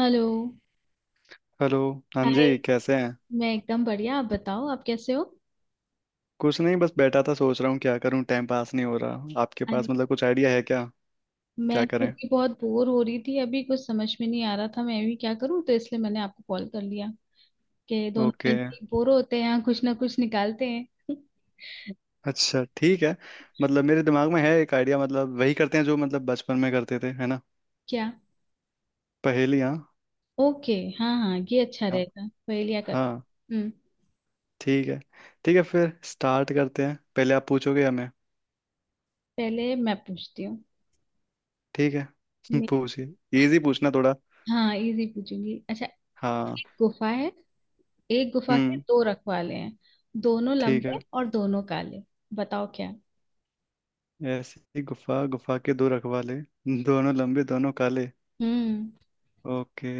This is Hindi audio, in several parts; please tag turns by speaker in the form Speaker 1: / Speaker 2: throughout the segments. Speaker 1: हेलो।
Speaker 2: हेलो। हाँ
Speaker 1: हाय।
Speaker 2: जी, कैसे हैं?
Speaker 1: मैं एकदम बढ़िया, आप बताओ आप कैसे हो।
Speaker 2: कुछ नहीं, बस बैठा था, सोच रहा हूँ क्या करूँ, टाइम पास नहीं हो रहा। आपके
Speaker 1: अरे,
Speaker 2: पास मतलब कुछ आइडिया है क्या? क्या
Speaker 1: मैं खुद
Speaker 2: करें।
Speaker 1: ही बहुत बोर हो रही थी, अभी कुछ समझ में नहीं आ रहा था मैं भी क्या करूं, तो इसलिए मैंने आपको कॉल कर लिया कि दोनों
Speaker 2: ओके।
Speaker 1: मिलके बोर होते हैं, कुछ ना कुछ निकालते हैं।
Speaker 2: अच्छा ठीक है। मतलब मेरे दिमाग में है एक आइडिया, मतलब वही करते हैं जो मतलब बचपन में करते थे, है ना?
Speaker 1: क्या।
Speaker 2: पहेलियाँ।
Speaker 1: ओके। हाँ हाँ, ये अच्छा
Speaker 2: हाँ
Speaker 1: रहेगा, पहेलियाँ कर।
Speaker 2: हाँ।
Speaker 1: हम्म।
Speaker 2: ठीक है। ठीक है, फिर स्टार्ट करते हैं। पहले आप पूछोगे या मैं?
Speaker 1: पहले मैं पूछती हूँ।
Speaker 2: ठीक है।
Speaker 1: मैं-
Speaker 2: पूछिए। इजी पूछना थोड़ा।
Speaker 1: हाँ, इजी पूछूंगी। अच्छा, एक
Speaker 2: हाँ।
Speaker 1: गुफा है। एक गुफा के
Speaker 2: हम्म।
Speaker 1: दो रखवाले हैं, दोनों
Speaker 2: ठीक है।
Speaker 1: लंबे और दोनों काले। बताओ क्या।
Speaker 2: ऐसी गुफा, गुफा के दो रखवाले, दोनों लंबे दोनों काले।
Speaker 1: हम्म।
Speaker 2: ओके।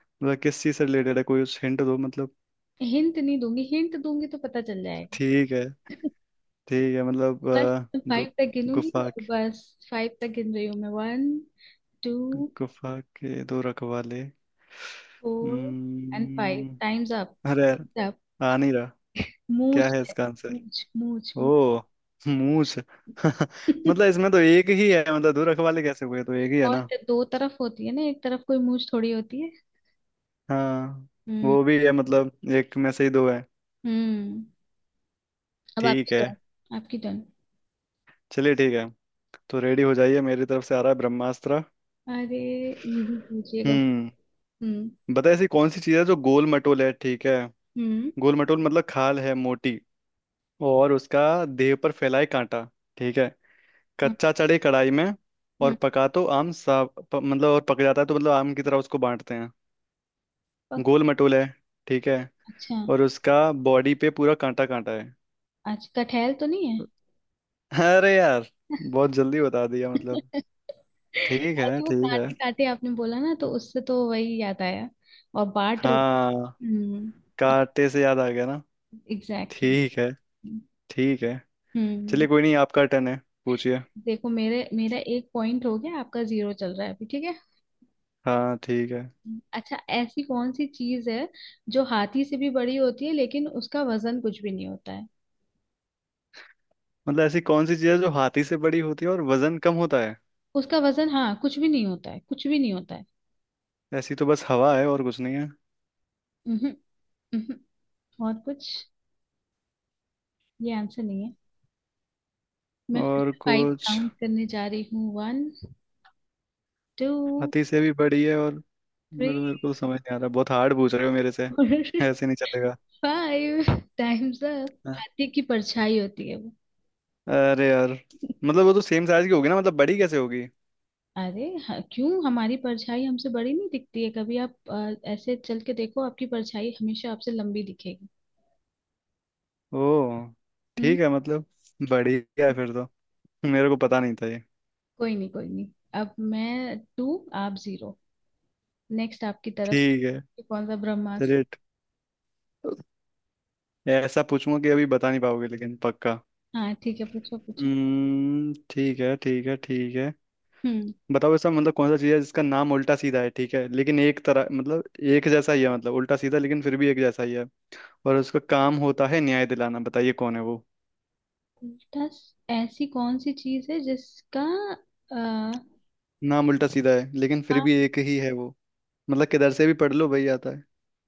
Speaker 2: मतलब किस चीज से रिलेटेड है? कोई हिंट दो मतलब।
Speaker 1: हिंट नहीं दूंगी, हिंट दूंगी तो पता चल जाएगा।
Speaker 2: ठीक है। ठीक है मतलब
Speaker 1: बस
Speaker 2: दो।
Speaker 1: फाइव तक गिनूंगी
Speaker 2: गुफा
Speaker 1: और
Speaker 2: के-
Speaker 1: बस। फाइव तक गिन रही हूँ मैं। वन। टू।
Speaker 2: गुफा के दो रखवाले।
Speaker 1: Four. And five,
Speaker 2: hmm.
Speaker 1: Times up.
Speaker 2: अरे
Speaker 1: टाइम्स अप।
Speaker 2: आ नहीं रहा। क्या
Speaker 1: मूंछ
Speaker 2: है
Speaker 1: है।
Speaker 2: इसका आंसर?
Speaker 1: मूंछ मूंछ मूंछ।
Speaker 2: ओ, मूछ। मतलब इसमें तो एक ही है, मतलब दो रखवाले कैसे हुए? तो एक ही है
Speaker 1: और
Speaker 2: ना।
Speaker 1: तो दो तरफ होती है ना, एक तरफ कोई मूंछ थोड़ी होती है।
Speaker 2: हाँ।
Speaker 1: हम्म।
Speaker 2: वो भी है मतलब, एक में से ही दो है।
Speaker 1: हम्म। अब आपकी
Speaker 2: ठीक है।
Speaker 1: टर्न आपकी टर्न।
Speaker 2: चलिए ठीक है। तो रेडी हो जाइए, मेरी तरफ से आ रहा है ब्रह्मास्त्र।
Speaker 1: अरे, मुझे पूछिएगा।
Speaker 2: हम्म।
Speaker 1: हम्म।
Speaker 2: बता ऐसी कौन सी चीज है जो गोल मटोल है, ठीक है?
Speaker 1: हम्म।
Speaker 2: गोल मटोल, मतलब खाल है मोटी, और उसका देह पर फैलाए कांटा। ठीक है।
Speaker 1: हम्म।
Speaker 2: कच्चा चढ़े कढ़ाई में, और
Speaker 1: हम्म।
Speaker 2: पका तो आम सा मतलब और पक जाता है तो मतलब आम की तरह उसको बांटते हैं।
Speaker 1: पक-
Speaker 2: गोल मटोल है, ठीक है।
Speaker 1: अच्छा।
Speaker 2: और उसका बॉडी पे पूरा कांटा कांटा है।
Speaker 1: अच्छा, कटहल तो नहीं है।
Speaker 2: अरे यार, बहुत जल्दी बता दिया मतलब। ठीक
Speaker 1: और
Speaker 2: है,
Speaker 1: जो
Speaker 2: ठीक है।
Speaker 1: कांटे कांटे आपने बोला ना, तो उससे तो वही याद आया। और बाट रही।
Speaker 2: हाँ।
Speaker 1: हम्म।
Speaker 2: कांटे से याद आ गया ना।
Speaker 1: एग्जैक्टली।
Speaker 2: ठीक है, ठीक है।
Speaker 1: हम्म।
Speaker 2: चलिए, कोई नहीं, आपका टर्न है। पूछिए।
Speaker 1: देखो, मेरे मेरा एक पॉइंट हो गया, आपका जीरो चल रहा है अभी, ठीक है।
Speaker 2: हाँ, ठीक है।
Speaker 1: अच्छा, ऐसी कौन सी चीज है जो हाथी से भी बड़ी होती है लेकिन उसका वजन कुछ भी नहीं होता है।
Speaker 2: मतलब ऐसी कौन सी चीज़ है जो हाथी से बड़ी होती है और वजन कम होता है?
Speaker 1: उसका वजन, हाँ, कुछ भी नहीं होता है, कुछ भी नहीं होता है।
Speaker 2: ऐसी तो बस हवा है, और कुछ नहीं है।
Speaker 1: हम्म। और कुछ? ये आंसर नहीं है। मैं फिर
Speaker 2: और
Speaker 1: फाइव
Speaker 2: कुछ,
Speaker 1: काउंट करने जा रही हूँ। वन। टू।
Speaker 2: हाथी से भी बड़ी है, और
Speaker 1: थ्री।
Speaker 2: मेरे मेरे को समझ नहीं आ रहा। बहुत हार्ड पूछ रहे हो मेरे से,
Speaker 1: और
Speaker 2: ऐसे नहीं चलेगा।
Speaker 1: Five, times up.
Speaker 2: हाँ।
Speaker 1: हाथी की परछाई होती है वो।
Speaker 2: अरे यार, मतलब वो तो सेम साइज की होगी ना, मतलब बड़ी कैसे होगी?
Speaker 1: अरे हाँ, क्यों हमारी परछाई हमसे बड़ी नहीं दिखती है कभी? आप ऐसे चल के देखो, आपकी परछाई हमेशा आपसे लंबी दिखेगी।
Speaker 2: ओ,
Speaker 1: हम्म।
Speaker 2: ठीक है मतलब, बड़ी है फिर तो। मेरे को पता नहीं था ये।
Speaker 1: कोई नहीं कोई नहीं। अब मैं टू, आप जीरो। नेक्स्ट आपकी तरफ
Speaker 2: ठीक है।
Speaker 1: से कौन सा ब्रह्मास्त्र?
Speaker 2: चलिए ऐसा पूछूंगा कि अभी बता नहीं पाओगे, लेकिन पक्का।
Speaker 1: हाँ ठीक है, पूछो पूछो।
Speaker 2: हम्म, ठीक है ठीक है ठीक है।
Speaker 1: हम्म।
Speaker 2: बताओ, ऐसा मतलब कौन सा चीज़ है जिसका नाम उल्टा सीधा है, ठीक है, लेकिन एक तरह मतलब एक जैसा ही है, मतलब उल्टा सीधा लेकिन फिर भी एक जैसा ही है। और उसका काम होता है न्याय दिलाना। बताइए, कौन है वो?
Speaker 1: ऐसी कौन सी चीज है जिसका आ,
Speaker 2: नाम उल्टा सीधा है, लेकिन फिर भी एक ही है वो, मतलब किधर से भी पढ़ लो वही आता है।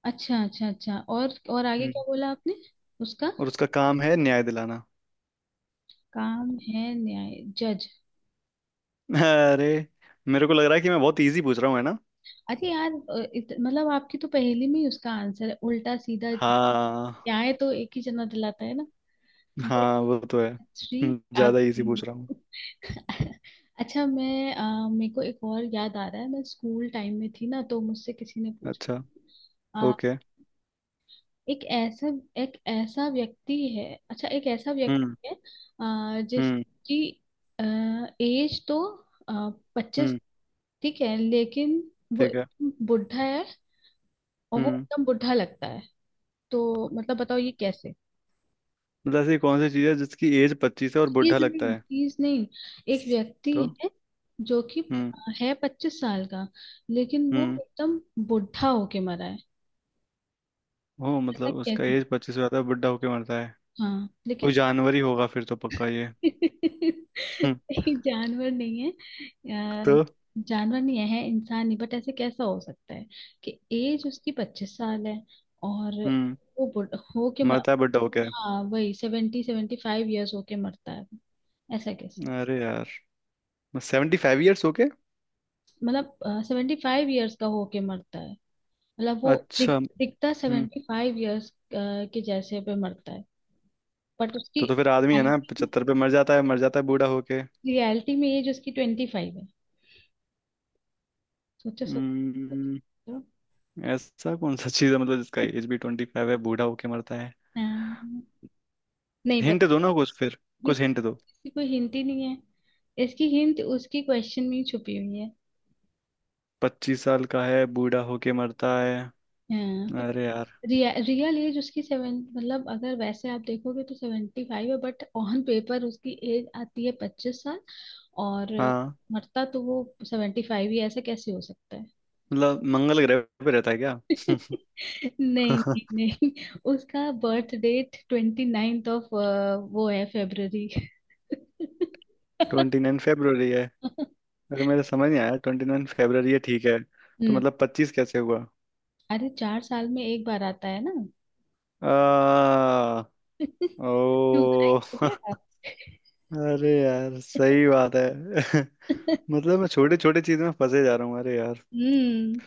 Speaker 1: अच्छा अच्छा अच्छा, और आगे
Speaker 2: हम्म।
Speaker 1: क्या बोला आपने? उसका
Speaker 2: और उसका काम है न्याय दिलाना।
Speaker 1: काम है न्याय। जज।
Speaker 2: अरे, मेरे को लग रहा है कि मैं बहुत इजी पूछ रहा हूँ, है ना?
Speaker 1: अरे यार, मतलब आपकी तो पहेली में ही उसका आंसर है, उल्टा सीधा।
Speaker 2: हाँ।
Speaker 1: न्याय तो एक ही जना दिलाता है ना। ये
Speaker 2: हाँ वो तो है।
Speaker 1: श्री आप।
Speaker 2: ज्यादा इजी पूछ रहा हूँ।
Speaker 1: अच्छा, मैं मेरे को एक और याद आ रहा है। मैं स्कूल टाइम में थी ना, तो मुझसे किसी ने
Speaker 2: अच्छा।
Speaker 1: पूछा
Speaker 2: ओके।
Speaker 1: एक ऐसा एक ऐसा व्यक्ति है। अच्छा, एक ऐसा
Speaker 2: हम्म।
Speaker 1: व्यक्ति है
Speaker 2: हम्म।
Speaker 1: जिसकी एज तो 25,
Speaker 2: हम्म।
Speaker 1: ठीक है, लेकिन वो
Speaker 2: ठीक है।
Speaker 1: एकदम बुढ़ा है और वो
Speaker 2: हम्म।
Speaker 1: एकदम बुढ़ा लगता है। तो मतलब बताओ ये कैसे।
Speaker 2: मतलब ऐसी कौन सी चीज है जिसकी एज 25 है और
Speaker 1: चीज
Speaker 2: बुढ़ा लगता
Speaker 1: नहीं
Speaker 2: है?
Speaker 1: चीज नहीं। एक व्यक्ति
Speaker 2: तो
Speaker 1: है जो कि
Speaker 2: हम्म।
Speaker 1: है 25 साल का, लेकिन वो
Speaker 2: हम्म।
Speaker 1: एकदम बुढ़ा होके मरा है।
Speaker 2: हो,
Speaker 1: ऐसा
Speaker 2: मतलब उसका
Speaker 1: कैसे?
Speaker 2: एज 25 हो जाता है बुढ़ा होके मरता है?
Speaker 1: हाँ
Speaker 2: कोई
Speaker 1: लेकिन
Speaker 2: जानवर ही होगा फिर तो पक्का ये। हम्म।
Speaker 1: नहीं, जानवर नहीं है। अ,
Speaker 2: तो
Speaker 1: जानवर नहीं है, इंसान नहीं, बट ऐसे कैसा हो सकता है कि एज उसकी 25 साल है और
Speaker 2: हम्म।
Speaker 1: वो बुढ़ हो के,
Speaker 2: मरता है बुढ़ा होके।
Speaker 1: हाँ, वही सेवेंटी सेवेंटी फाइव ईयर्स होके मरता है। ऐसा कैसे?
Speaker 2: अरे यार, 75 ईयर्स होके।
Speaker 1: मतलब 75 ईयर्स का होके मरता है। मतलब वो
Speaker 2: अच्छा।
Speaker 1: दिखता
Speaker 2: हम्म।
Speaker 1: 75 ईयर्स के जैसे पे मरता है। बट उसकी
Speaker 2: तो फिर आदमी है ना, 75 पे मर जाता है, मर जाता है बूढ़ा होके?
Speaker 1: रियलिटी में एज उसकी 25 है। सोचो
Speaker 2: हम्म।
Speaker 1: सोचो।
Speaker 2: ऐसा कौन सा चीज है मतलब जिसका एज भी 25 है बूढ़ा होके मरता है?
Speaker 1: हाँ, नहीं पता।
Speaker 2: हिंट दो ना कुछ फिर, कुछ हिंट दो।
Speaker 1: इसकी कोई हिंट ही नहीं है, इसकी हिंट उसकी क्वेश्चन में ही छुपी हुई है।
Speaker 2: 25 साल का है बूढ़ा होके मरता है?
Speaker 1: हाँ पर
Speaker 2: अरे यार।
Speaker 1: रियल एज उसकी सेवन मतलब, अगर वैसे आप देखोगे तो 75 है, बट ऑन पेपर उसकी एज आती है 25 साल और
Speaker 2: हाँ।
Speaker 1: मरता तो वो 75 ही है। ऐसा कैसे हो सकता है?
Speaker 2: मतलब मंगल ग्रह पे रहता है क्या?
Speaker 1: नहीं नहीं नहीं। उसका बर्थ डेट 29 ऑफ, वो है, फेब्रवरी।
Speaker 2: 29 फेब्रुवरी है? अरे, मेरे समझ नहीं आया। 29 फेब्रुवरी है, ठीक है, तो
Speaker 1: हम्म।
Speaker 2: मतलब 25 कैसे हुआ?
Speaker 1: अरे, 4 साल में एक बार आता है ना।
Speaker 2: आ,
Speaker 1: क्यों बनाई
Speaker 2: ओ।
Speaker 1: हो क्या आप?
Speaker 2: अरे यार, सही बात है। मतलब मैं छोटे छोटे चीज में फंसे जा रहा हूँ, अरे यार।
Speaker 1: हम्म।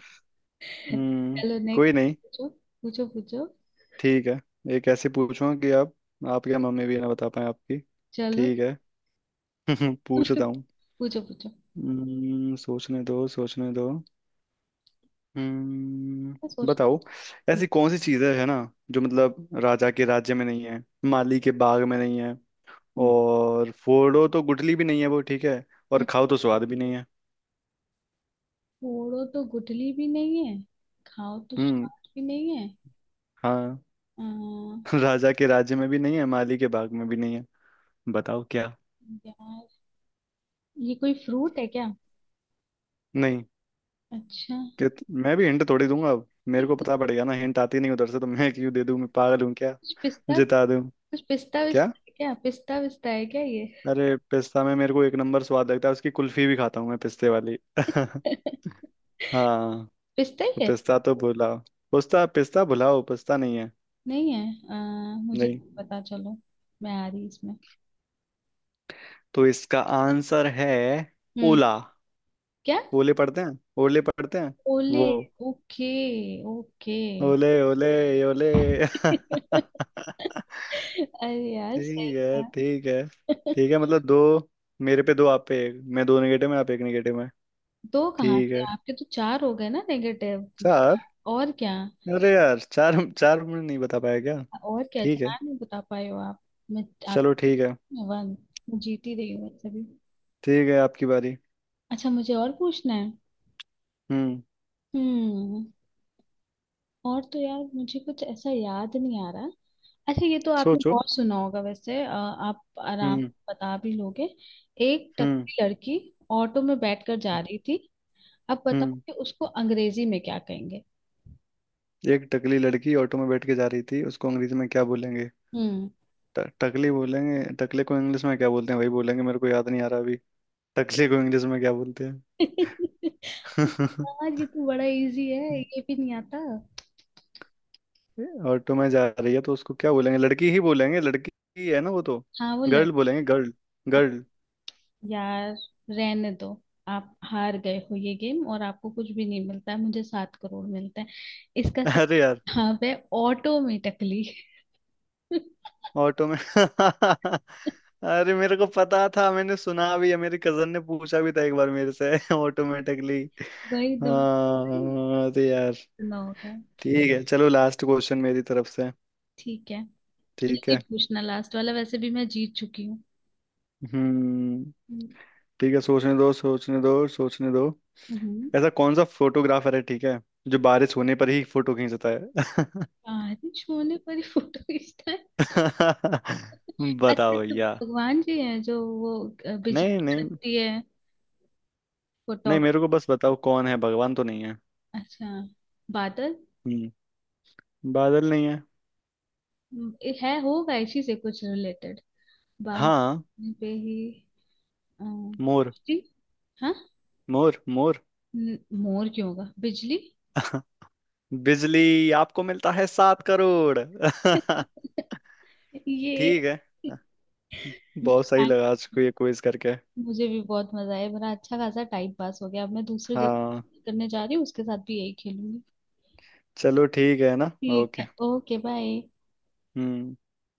Speaker 2: हम्म।
Speaker 1: चलो नेक्स्ट,
Speaker 2: कोई नहीं।
Speaker 1: पूछो पूछो पूछो।
Speaker 2: ठीक है। एक ऐसे पूछो कि आप या मम्मी भी ना बता पाए आपकी।
Speaker 1: चलो।
Speaker 2: ठीक है। पूछता हूँ।
Speaker 1: पूछो पूछो।
Speaker 2: सोचने दो सोचने दो।
Speaker 1: मैं
Speaker 2: हम्म,
Speaker 1: सोच।
Speaker 2: बताओ। ऐसी कौन सी चीजें है ना जो मतलब राजा के राज्य में नहीं है, माली के बाग में नहीं है,
Speaker 1: हम्म,
Speaker 2: और फोड़ो तो गुठली भी नहीं है वो, ठीक है, और खाओ तो स्वाद भी नहीं है।
Speaker 1: फोड़ो तो गुठली भी नहीं है, खाओ तो
Speaker 2: हम्म।
Speaker 1: स्वाद भी नहीं है।
Speaker 2: हाँ।
Speaker 1: अम,
Speaker 2: राजा के राज्य में भी नहीं है, माली के बाग में भी नहीं है। बताओ क्या।
Speaker 1: यार, ये कोई फ्रूट है क्या?
Speaker 2: नहीं।
Speaker 1: अच्छा।
Speaker 2: मैं भी हिंट थोड़ी दूंगा, अब मेरे को
Speaker 1: कुछ
Speaker 2: पता पड़ेगा ना, हिंट आती नहीं उधर से तो मैं क्यों दे दूं? मैं पागल हूँ क्या,
Speaker 1: पिस्ता
Speaker 2: जिता दूं?
Speaker 1: कुछ पिस्ता
Speaker 2: क्या?
Speaker 1: विस्ता है क्या, पिस्ता विस्ता है क्या ये?
Speaker 2: अरे, पिस्ता में मेरे को एक नंबर स्वाद लगता है, उसकी कुल्फी भी खाता हूँ मैं, पिस्ते वाली। हाँ।
Speaker 1: पिस्ता ही है।
Speaker 2: पिस्ता तो भुलाओ, पिस्ता पिस्ता भुलाओ, पिस्ता नहीं है।
Speaker 1: नहीं है अ, मुझे
Speaker 2: नहीं।
Speaker 1: नहीं पता। चलो, मैं आ रही इसमें।
Speaker 2: तो इसका आंसर है
Speaker 1: हम्म।
Speaker 2: ओला।
Speaker 1: क्या।
Speaker 2: ओले पढ़ते हैं, ओले पढ़ते हैं
Speaker 1: ओले।
Speaker 2: वो।
Speaker 1: Okay okay.
Speaker 2: ओले, ओले ओले।
Speaker 1: अरे यार
Speaker 2: ठीक
Speaker 1: सही
Speaker 2: है
Speaker 1: है।
Speaker 2: ठीक है। ठीक है मतलब दो, मेरे पे दो आप पे एक, मैं दो निगेटिव में आप एक निगेटिव में।
Speaker 1: दो कहाँ
Speaker 2: ठीक
Speaker 1: से?
Speaker 2: है।
Speaker 1: आपके तो चार हो गए ना नेगेटिव।
Speaker 2: चार।
Speaker 1: और क्या?
Speaker 2: अरे यार, चार, चार में नहीं बता पाया क्या?
Speaker 1: और क्या,
Speaker 2: ठीक है।
Speaker 1: चार नहीं बता पाए हो आप? मैं, आप,
Speaker 2: चलो ठीक है।
Speaker 1: मैं वन। मैं जीत ही रही हूँ वैसे भी।
Speaker 2: ठीक है, आपकी बारी।
Speaker 1: अच्छा, मुझे और पूछना है।
Speaker 2: हम्म।
Speaker 1: हम्म। और तो यार, मुझे कुछ ऐसा याद नहीं आ रहा। अच्छा, ये तो आपने
Speaker 2: सोचो।
Speaker 1: बहुत सुना होगा वैसे, आप आराम
Speaker 2: हम्म।
Speaker 1: से बता भी लोगे। एक
Speaker 2: हम्म।
Speaker 1: टकली लड़की ऑटो में बैठकर जा रही थी, अब बताओ
Speaker 2: हम्म।
Speaker 1: कि उसको अंग्रेजी में क्या कहेंगे।
Speaker 2: एक टकली लड़की ऑटो में बैठ के जा रही थी, उसको अंग्रेजी में क्या बोलेंगे?
Speaker 1: हम्म।
Speaker 2: टकली बोलेंगे, टकले को इंग्लिश में क्या बोलते हैं वही बोलेंगे, मेरे को याद नहीं आ रहा अभी। टकले को इंग्लिश में क्या बोलते हैं?
Speaker 1: यार, ये तो बड़ा इजी है, ये भी नहीं आता।
Speaker 2: ऑटो में जा रही है तो उसको क्या बोलेंगे? लड़की ही बोलेंगे, लड़की ही है ना वो तो।
Speaker 1: हाँ, वो लड़
Speaker 2: गर्ल बोलेंगे, गर्ल, गर्ल।
Speaker 1: यार रहने दो। आप हार गए हो ये गेम, और आपको कुछ भी नहीं मिलता है, मुझे 7 करोड़ मिलता है इसका।
Speaker 2: अरे
Speaker 1: सही।
Speaker 2: यार।
Speaker 1: हाँ, है ऑटोमेटिकली।
Speaker 2: ऑटो में। अरे, मेरे को पता था, मैंने सुना भी है, मेरी कजन ने पूछा भी था एक बार मेरे से। ऑटोमेटिकली।
Speaker 1: वही तो।
Speaker 2: हाँ, अरे यार।
Speaker 1: ना होगा।
Speaker 2: ठीक है, चलो लास्ट क्वेश्चन मेरी तरफ से।
Speaker 1: ठीक है, एक
Speaker 2: ठीक
Speaker 1: ही
Speaker 2: है।
Speaker 1: पूछना लास्ट वाला, वैसे भी मैं जीत चुकी हूँ।
Speaker 2: हम्म।
Speaker 1: हम्म।
Speaker 2: ठीक है, सोचने दो सोचने दो सोचने दो।
Speaker 1: हम्म।
Speaker 2: ऐसा कौन सा फोटोग्राफर है, ठीक है, जो बारिश होने पर ही फोटो खींचता है?
Speaker 1: बारिश होने पर ही फोटो खींचता है? अच्छा
Speaker 2: बताओ
Speaker 1: तो
Speaker 2: भैया।
Speaker 1: भगवान जी हैं जो वो, बिजली
Speaker 2: नहीं नहीं
Speaker 1: कड़कती है वो,
Speaker 2: नहीं,
Speaker 1: टॉप।
Speaker 2: मेरे को बस बताओ कौन है, भगवान तो नहीं है।
Speaker 1: अच्छा, बादल।
Speaker 2: हम्म। बादल नहीं है।
Speaker 1: है होगा इसी से कुछ रिलेटेड,
Speaker 2: हाँ।
Speaker 1: बादल पे ही
Speaker 2: मोर।
Speaker 1: बिजली। हाँ।
Speaker 2: मोर मोर।
Speaker 1: न- मोर क्यों होगा, बिजली।
Speaker 2: बिजली? आपको मिलता है 7 करोड़। ठीक
Speaker 1: ये।
Speaker 2: है।
Speaker 1: मेरा
Speaker 2: बहुत सही
Speaker 1: thank-
Speaker 2: लगा आज को ये क्विज करके।
Speaker 1: मुझे भी बहुत मजा आया, मेरा अच्छा खासा टाइम पास हो गया। अब मैं दूसरे दो
Speaker 2: हाँ।
Speaker 1: करने जा रही हूँ, उसके साथ भी यही खेलूंगी।
Speaker 2: चलो ठीक है ना,
Speaker 1: ठीक
Speaker 2: ओके।
Speaker 1: है, ओके बाय।
Speaker 2: हम्म।